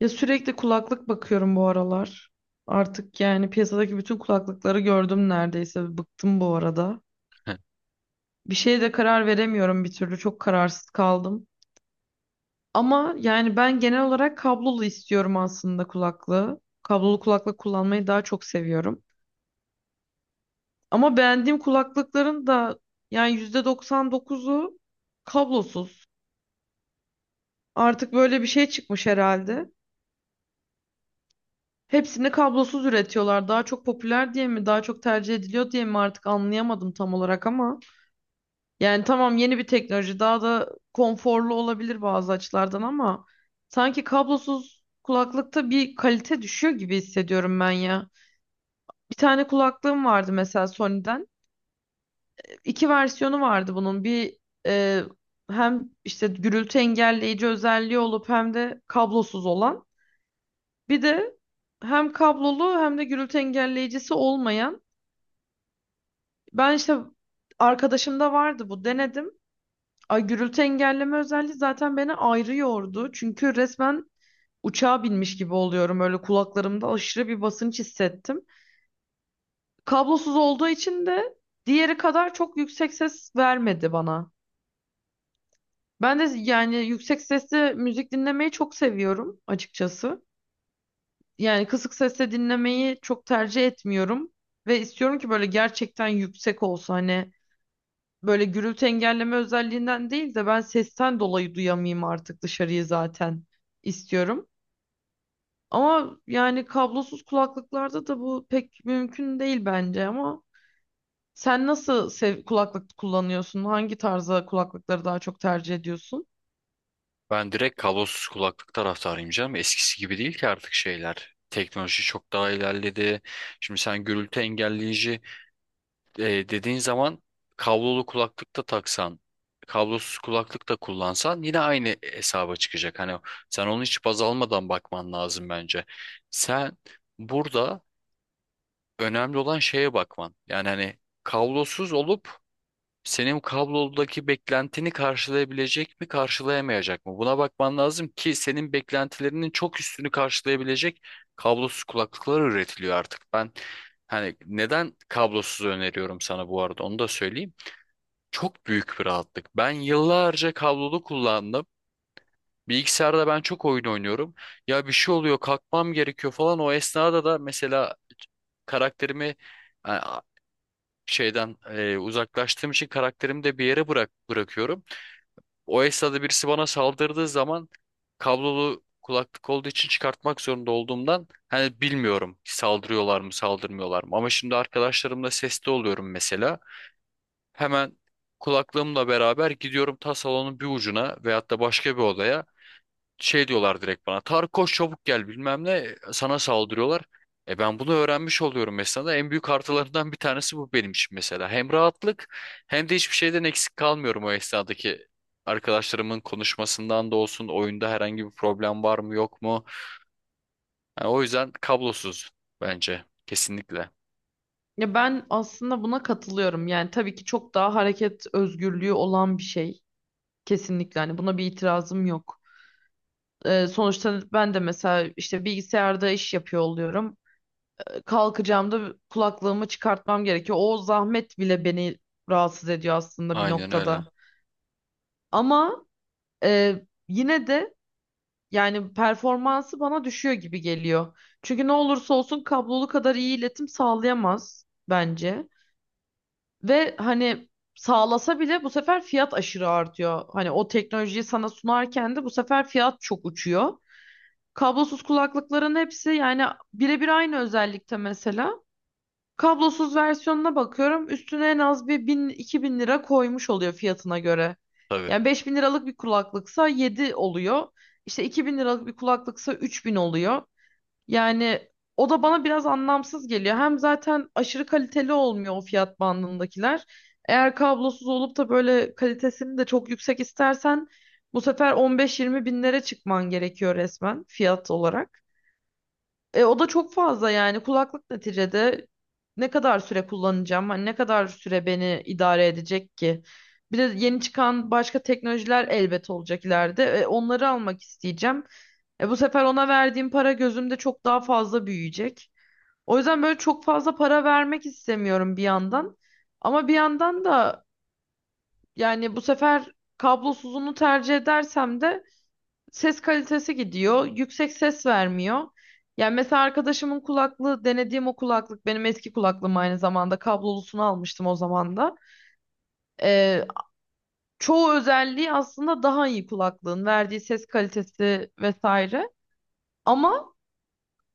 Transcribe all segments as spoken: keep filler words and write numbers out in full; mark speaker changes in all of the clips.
Speaker 1: Ya sürekli kulaklık bakıyorum bu aralar. Artık yani piyasadaki bütün kulaklıkları gördüm neredeyse. Bıktım bu arada.
Speaker 2: Heh.
Speaker 1: Bir şeye de karar veremiyorum bir türlü. Çok kararsız kaldım. Ama yani ben genel olarak kablolu istiyorum aslında kulaklığı. Kablolu kulaklık kullanmayı daha çok seviyorum. Ama beğendiğim kulaklıkların da yani yüzde doksan dokuzu kablosuz. Artık böyle bir şey çıkmış herhalde. Hepsini kablosuz üretiyorlar. Daha çok popüler diye mi, daha çok tercih ediliyor diye mi artık anlayamadım tam olarak ama yani tamam, yeni bir teknoloji daha da konforlu olabilir bazı açılardan ama sanki kablosuz kulaklıkta bir kalite düşüyor gibi hissediyorum ben ya. Bir tane kulaklığım vardı mesela Sony'den. İki versiyonu vardı bunun. Bir e, hem işte gürültü engelleyici özelliği olup hem de kablosuz olan. Bir de hem kablolu hem de gürültü engelleyicisi olmayan. Ben işte arkadaşımda vardı bu, denedim. Ay, gürültü engelleme özelliği zaten beni ayrı yordu. Çünkü resmen uçağa binmiş gibi oluyorum. Öyle kulaklarımda aşırı bir basınç hissettim. Kablosuz olduğu için de diğeri kadar çok yüksek ses vermedi bana. Ben de yani yüksek sesli müzik dinlemeyi çok seviyorum açıkçası. Yani kısık sesle dinlemeyi çok tercih etmiyorum. Ve istiyorum ki böyle gerçekten yüksek olsa, hani böyle gürültü engelleme özelliğinden değil de ben sesten dolayı duyamayayım artık dışarıyı, zaten istiyorum. Ama yani kablosuz kulaklıklarda da bu pek mümkün değil bence ama sen nasıl sev kulaklık kullanıyorsun? Hangi tarza kulaklıkları daha çok tercih ediyorsun?
Speaker 2: Ben direkt kablosuz kulaklık taraftarıyım canım. Eskisi gibi değil ki artık şeyler. Teknoloji çok daha ilerledi. Şimdi sen gürültü engelleyici e, dediğin zaman kablolu kulaklık da taksan, kablosuz kulaklık da kullansan yine aynı hesaba çıkacak. Hani sen onu hiç baz almadan bakman lazım bence. Sen burada önemli olan şeye bakman. Yani hani kablosuz olup senin kablodaki beklentini karşılayabilecek mi, karşılayamayacak mı? Buna bakman lazım ki senin beklentilerinin çok üstünü karşılayabilecek kablosuz kulaklıklar üretiliyor artık. Ben hani neden kablosuz öneriyorum sana bu arada onu da söyleyeyim. Çok büyük bir rahatlık. Ben yıllarca kablolu kullandım. Bilgisayarda ben çok oyun oynuyorum. Ya bir şey oluyor, kalkmam gerekiyor falan. O esnada da mesela karakterimi e, şeyden e, uzaklaştığım için karakterimi de bir yere bırak bırakıyorum. O esnada birisi bana saldırdığı zaman kablolu kulaklık olduğu için çıkartmak zorunda olduğumdan hani bilmiyorum saldırıyorlar mı saldırmıyorlar mı. Ama şimdi arkadaşlarımla sesli oluyorum mesela. Hemen kulaklığımla beraber gidiyorum ta salonun bir ucuna veyahut da başka bir odaya şey diyorlar direkt bana. Tarık koş çabuk gel bilmem ne sana saldırıyorlar. E ben bunu öğrenmiş oluyorum mesela. En büyük artılarından bir tanesi bu benim için mesela. Hem rahatlık hem de hiçbir şeyden eksik kalmıyorum o esnadaki arkadaşlarımın konuşmasından da olsun. Oyunda herhangi bir problem var mı yok mu? Yani o yüzden kablosuz bence kesinlikle.
Speaker 1: Ya ben aslında buna katılıyorum. Yani tabii ki çok daha hareket özgürlüğü olan bir şey. Kesinlikle hani buna bir itirazım yok. Ee, sonuçta ben de mesela işte bilgisayarda iş yapıyor oluyorum. Kalkacağımda kulaklığımı çıkartmam gerekiyor. O zahmet bile beni rahatsız ediyor aslında bir
Speaker 2: Aynen öyle.
Speaker 1: noktada. Ama e, yine de yani performansı bana düşüyor gibi geliyor. Çünkü ne olursa olsun kablolu kadar iyi iletim sağlayamaz bence. Ve hani sağlasa bile bu sefer fiyat aşırı artıyor. Hani o teknolojiyi sana sunarken de bu sefer fiyat çok uçuyor. Kablosuz kulaklıkların hepsi yani birebir aynı özellikte mesela. Kablosuz versiyonuna bakıyorum. Üstüne en az bir bin iki bin lira koymuş oluyor fiyatına göre.
Speaker 2: Tabii.
Speaker 1: Yani beş bin liralık bir kulaklıksa yedi oluyor. İşte iki bin liralık bir kulaklıksa üç bin oluyor. Yani o da bana biraz anlamsız geliyor. Hem zaten aşırı kaliteli olmuyor o fiyat bandındakiler. Eğer kablosuz olup da böyle kalitesini de çok yüksek istersen bu sefer on beş yirmi binlere çıkman gerekiyor resmen fiyat olarak. E, o da çok fazla yani, kulaklık neticede ne kadar süre kullanacağım? Hani ne kadar süre beni idare edecek ki? Bir de yeni çıkan başka teknolojiler elbet olacak ileride. E, onları almak isteyeceğim. E, bu sefer ona verdiğim para gözümde çok daha fazla büyüyecek. O yüzden böyle çok fazla para vermek istemiyorum bir yandan. Ama bir yandan da yani bu sefer kablosuzunu tercih edersem de ses kalitesi gidiyor. Yüksek ses vermiyor. Yani mesela arkadaşımın kulaklığı, denediğim o kulaklık benim eski kulaklığım aynı zamanda, kablolusunu almıştım o zaman da. Ee, Çoğu özelliği aslında daha iyi kulaklığın, verdiği ses kalitesi vesaire. Ama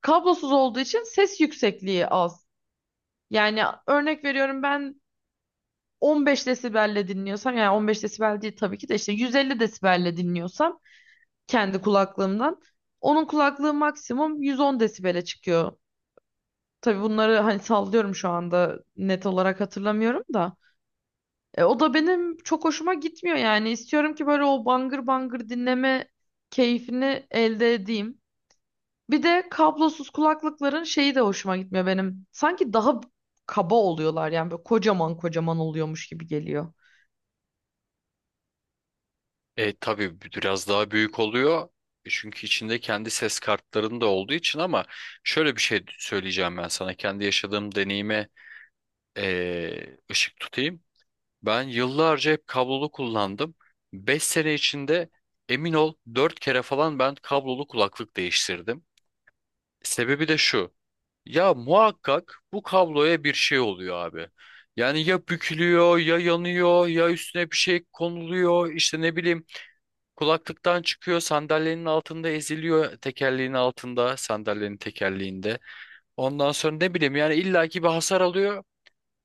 Speaker 1: kablosuz olduğu için ses yüksekliği az. Yani örnek veriyorum, ben on beş desibelle dinliyorsam, yani on beş desibel değil tabii ki de, işte yüz elli desibelle dinliyorsam kendi kulaklığımdan, onun kulaklığı maksimum yüz on desibele çıkıyor. Tabii bunları hani sallıyorum, şu anda net olarak hatırlamıyorum da. E, o da benim çok hoşuma gitmiyor yani. İstiyorum ki böyle o bangır bangır dinleme keyfini elde edeyim. Bir de kablosuz kulaklıkların şeyi de hoşuma gitmiyor benim. Sanki daha kaba oluyorlar, yani böyle kocaman kocaman oluyormuş gibi geliyor.
Speaker 2: E tabii biraz daha büyük oluyor. E, çünkü içinde kendi ses kartlarının da olduğu için ama şöyle bir şey söyleyeceğim ben sana. Kendi yaşadığım deneyime e, ışık tutayım. Ben yıllarca hep kablolu kullandım. Beş sene içinde emin ol dört kere falan ben kablolu kulaklık değiştirdim. Sebebi de şu. Ya muhakkak bu kabloya bir şey oluyor abi. Yani ya bükülüyor ya yanıyor ya üstüne bir şey konuluyor işte ne bileyim. Kulaklıktan çıkıyor, sandalyenin altında eziliyor, tekerleğin altında, sandalyenin tekerleğinde. Ondan sonra ne bileyim yani illaki bir hasar alıyor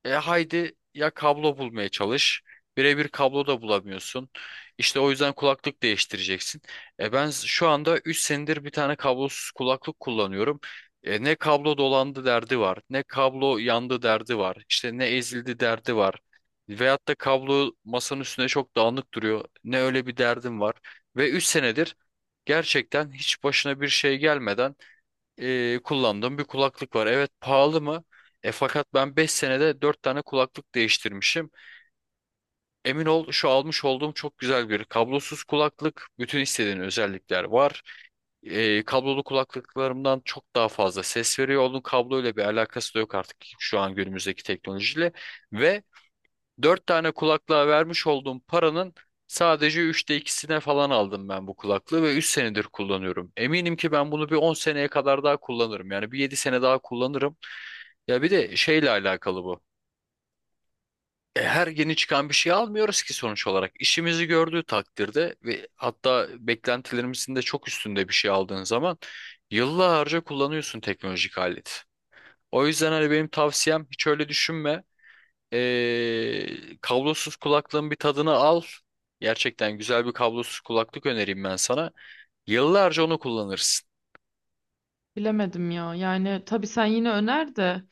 Speaker 2: e haydi ya kablo bulmaya çalış. Birebir kablo da bulamıyorsun. İşte o yüzden kulaklık değiştireceksin. E ben şu anda üç senedir bir tane kablosuz kulaklık kullanıyorum. E ne kablo dolandı derdi var, ne kablo yandı derdi var, İşte ne ezildi derdi var. Veyahut da kablo masanın üstüne çok dağınık duruyor. Ne öyle bir derdim var. Ve üç senedir gerçekten hiç başına bir şey gelmeden e, kullandığım bir kulaklık var. Evet, pahalı mı? E fakat ben beş senede dört tane kulaklık değiştirmişim. Emin ol şu almış olduğum çok güzel bir kablosuz kulaklık. Bütün istediğin özellikler var. E, kablolu kulaklıklarımdan çok daha fazla ses veriyor. Onun kabloyla bir alakası da yok artık şu an günümüzdeki teknolojiyle. Ve dört tane kulaklığa vermiş olduğum paranın sadece üçte ikisine falan aldım ben bu kulaklığı ve üç senedir kullanıyorum. Eminim ki ben bunu bir on seneye kadar daha kullanırım. Yani bir yedi sene daha kullanırım. Ya bir de şeyle alakalı bu. E, her yeni çıkan bir şey almıyoruz ki sonuç olarak. İşimizi gördüğü takdirde ve hatta beklentilerimizin de çok üstünde bir şey aldığın zaman yıllarca kullanıyorsun teknolojik aleti. O yüzden hani benim tavsiyem hiç öyle düşünme. Ee, kablosuz kulaklığın bir tadını al. Gerçekten güzel bir kablosuz kulaklık önereyim ben sana. Yıllarca onu kullanırsın.
Speaker 1: Bilemedim ya. Yani tabii sen yine öner de,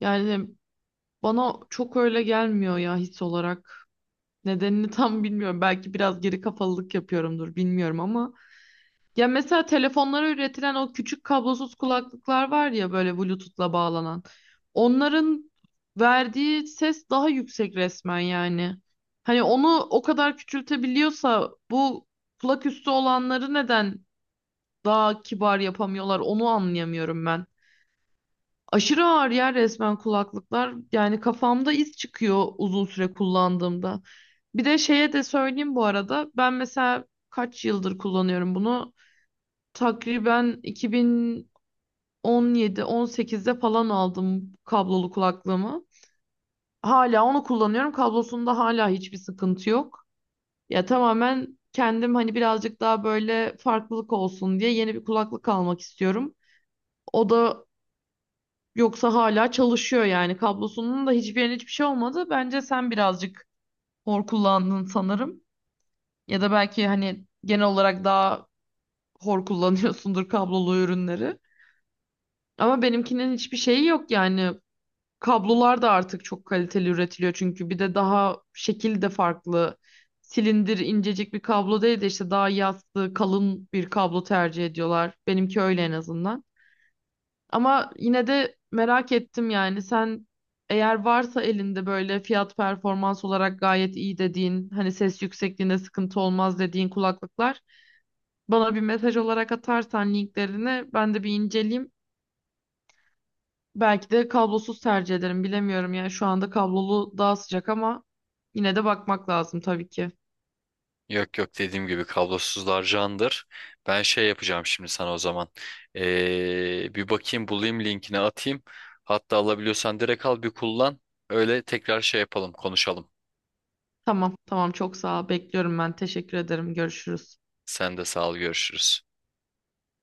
Speaker 1: yani bana çok öyle gelmiyor ya his olarak. Nedenini tam bilmiyorum. Belki biraz geri kafalılık yapıyorumdur, bilmiyorum, ama ya mesela telefonlara üretilen o küçük kablosuz kulaklıklar var ya, böyle Bluetooth'la bağlanan. Onların verdiği ses daha yüksek resmen yani. Hani onu o kadar küçültebiliyorsa bu kulak üstü olanları neden daha kibar yapamıyorlar, onu anlayamıyorum ben. Aşırı ağır ya resmen kulaklıklar. Yani kafamda iz çıkıyor uzun süre kullandığımda. Bir de şeye de söyleyeyim bu arada. Ben mesela kaç yıldır kullanıyorum bunu? Takriben iki bin on yedi on sekiz'de falan aldım kablolu kulaklığımı. Hala onu kullanıyorum. Kablosunda hala hiçbir sıkıntı yok. Ya tamamen kendim hani birazcık daha böyle farklılık olsun diye yeni bir kulaklık almak istiyorum. O da, yoksa hala çalışıyor yani. Kablosunun da hiçbir yerine hiçbir şey olmadı. Bence sen birazcık hor kullandın sanırım. Ya da belki hani genel olarak daha hor kullanıyorsundur kablolu ürünleri. Ama benimkinin hiçbir şeyi yok yani. Kablolar da artık çok kaliteli üretiliyor çünkü, bir de daha şekil de farklı. Silindir incecik bir kablo değil de işte daha yassı, kalın bir kablo tercih ediyorlar. Benimki öyle en azından. Ama yine de merak ettim yani, sen eğer varsa elinde böyle fiyat performans olarak gayet iyi dediğin, hani ses yüksekliğinde sıkıntı olmaz dediğin kulaklıklar, bana bir mesaj olarak atarsan linklerini ben de bir inceleyeyim. Belki de kablosuz tercih ederim, bilemiyorum yani, şu anda kablolu daha sıcak ama yine de bakmak lazım tabii ki.
Speaker 2: Yok yok, dediğim gibi kablosuzlar candır. Ben şey yapacağım şimdi sana o zaman. Ee, bir bakayım bulayım linkini atayım. Hatta alabiliyorsan direkt al bir kullan. Öyle tekrar şey yapalım konuşalım.
Speaker 1: Tamam tamam, çok sağ ol, bekliyorum ben, teşekkür ederim, görüşürüz.
Speaker 2: Sen de sağ ol, görüşürüz.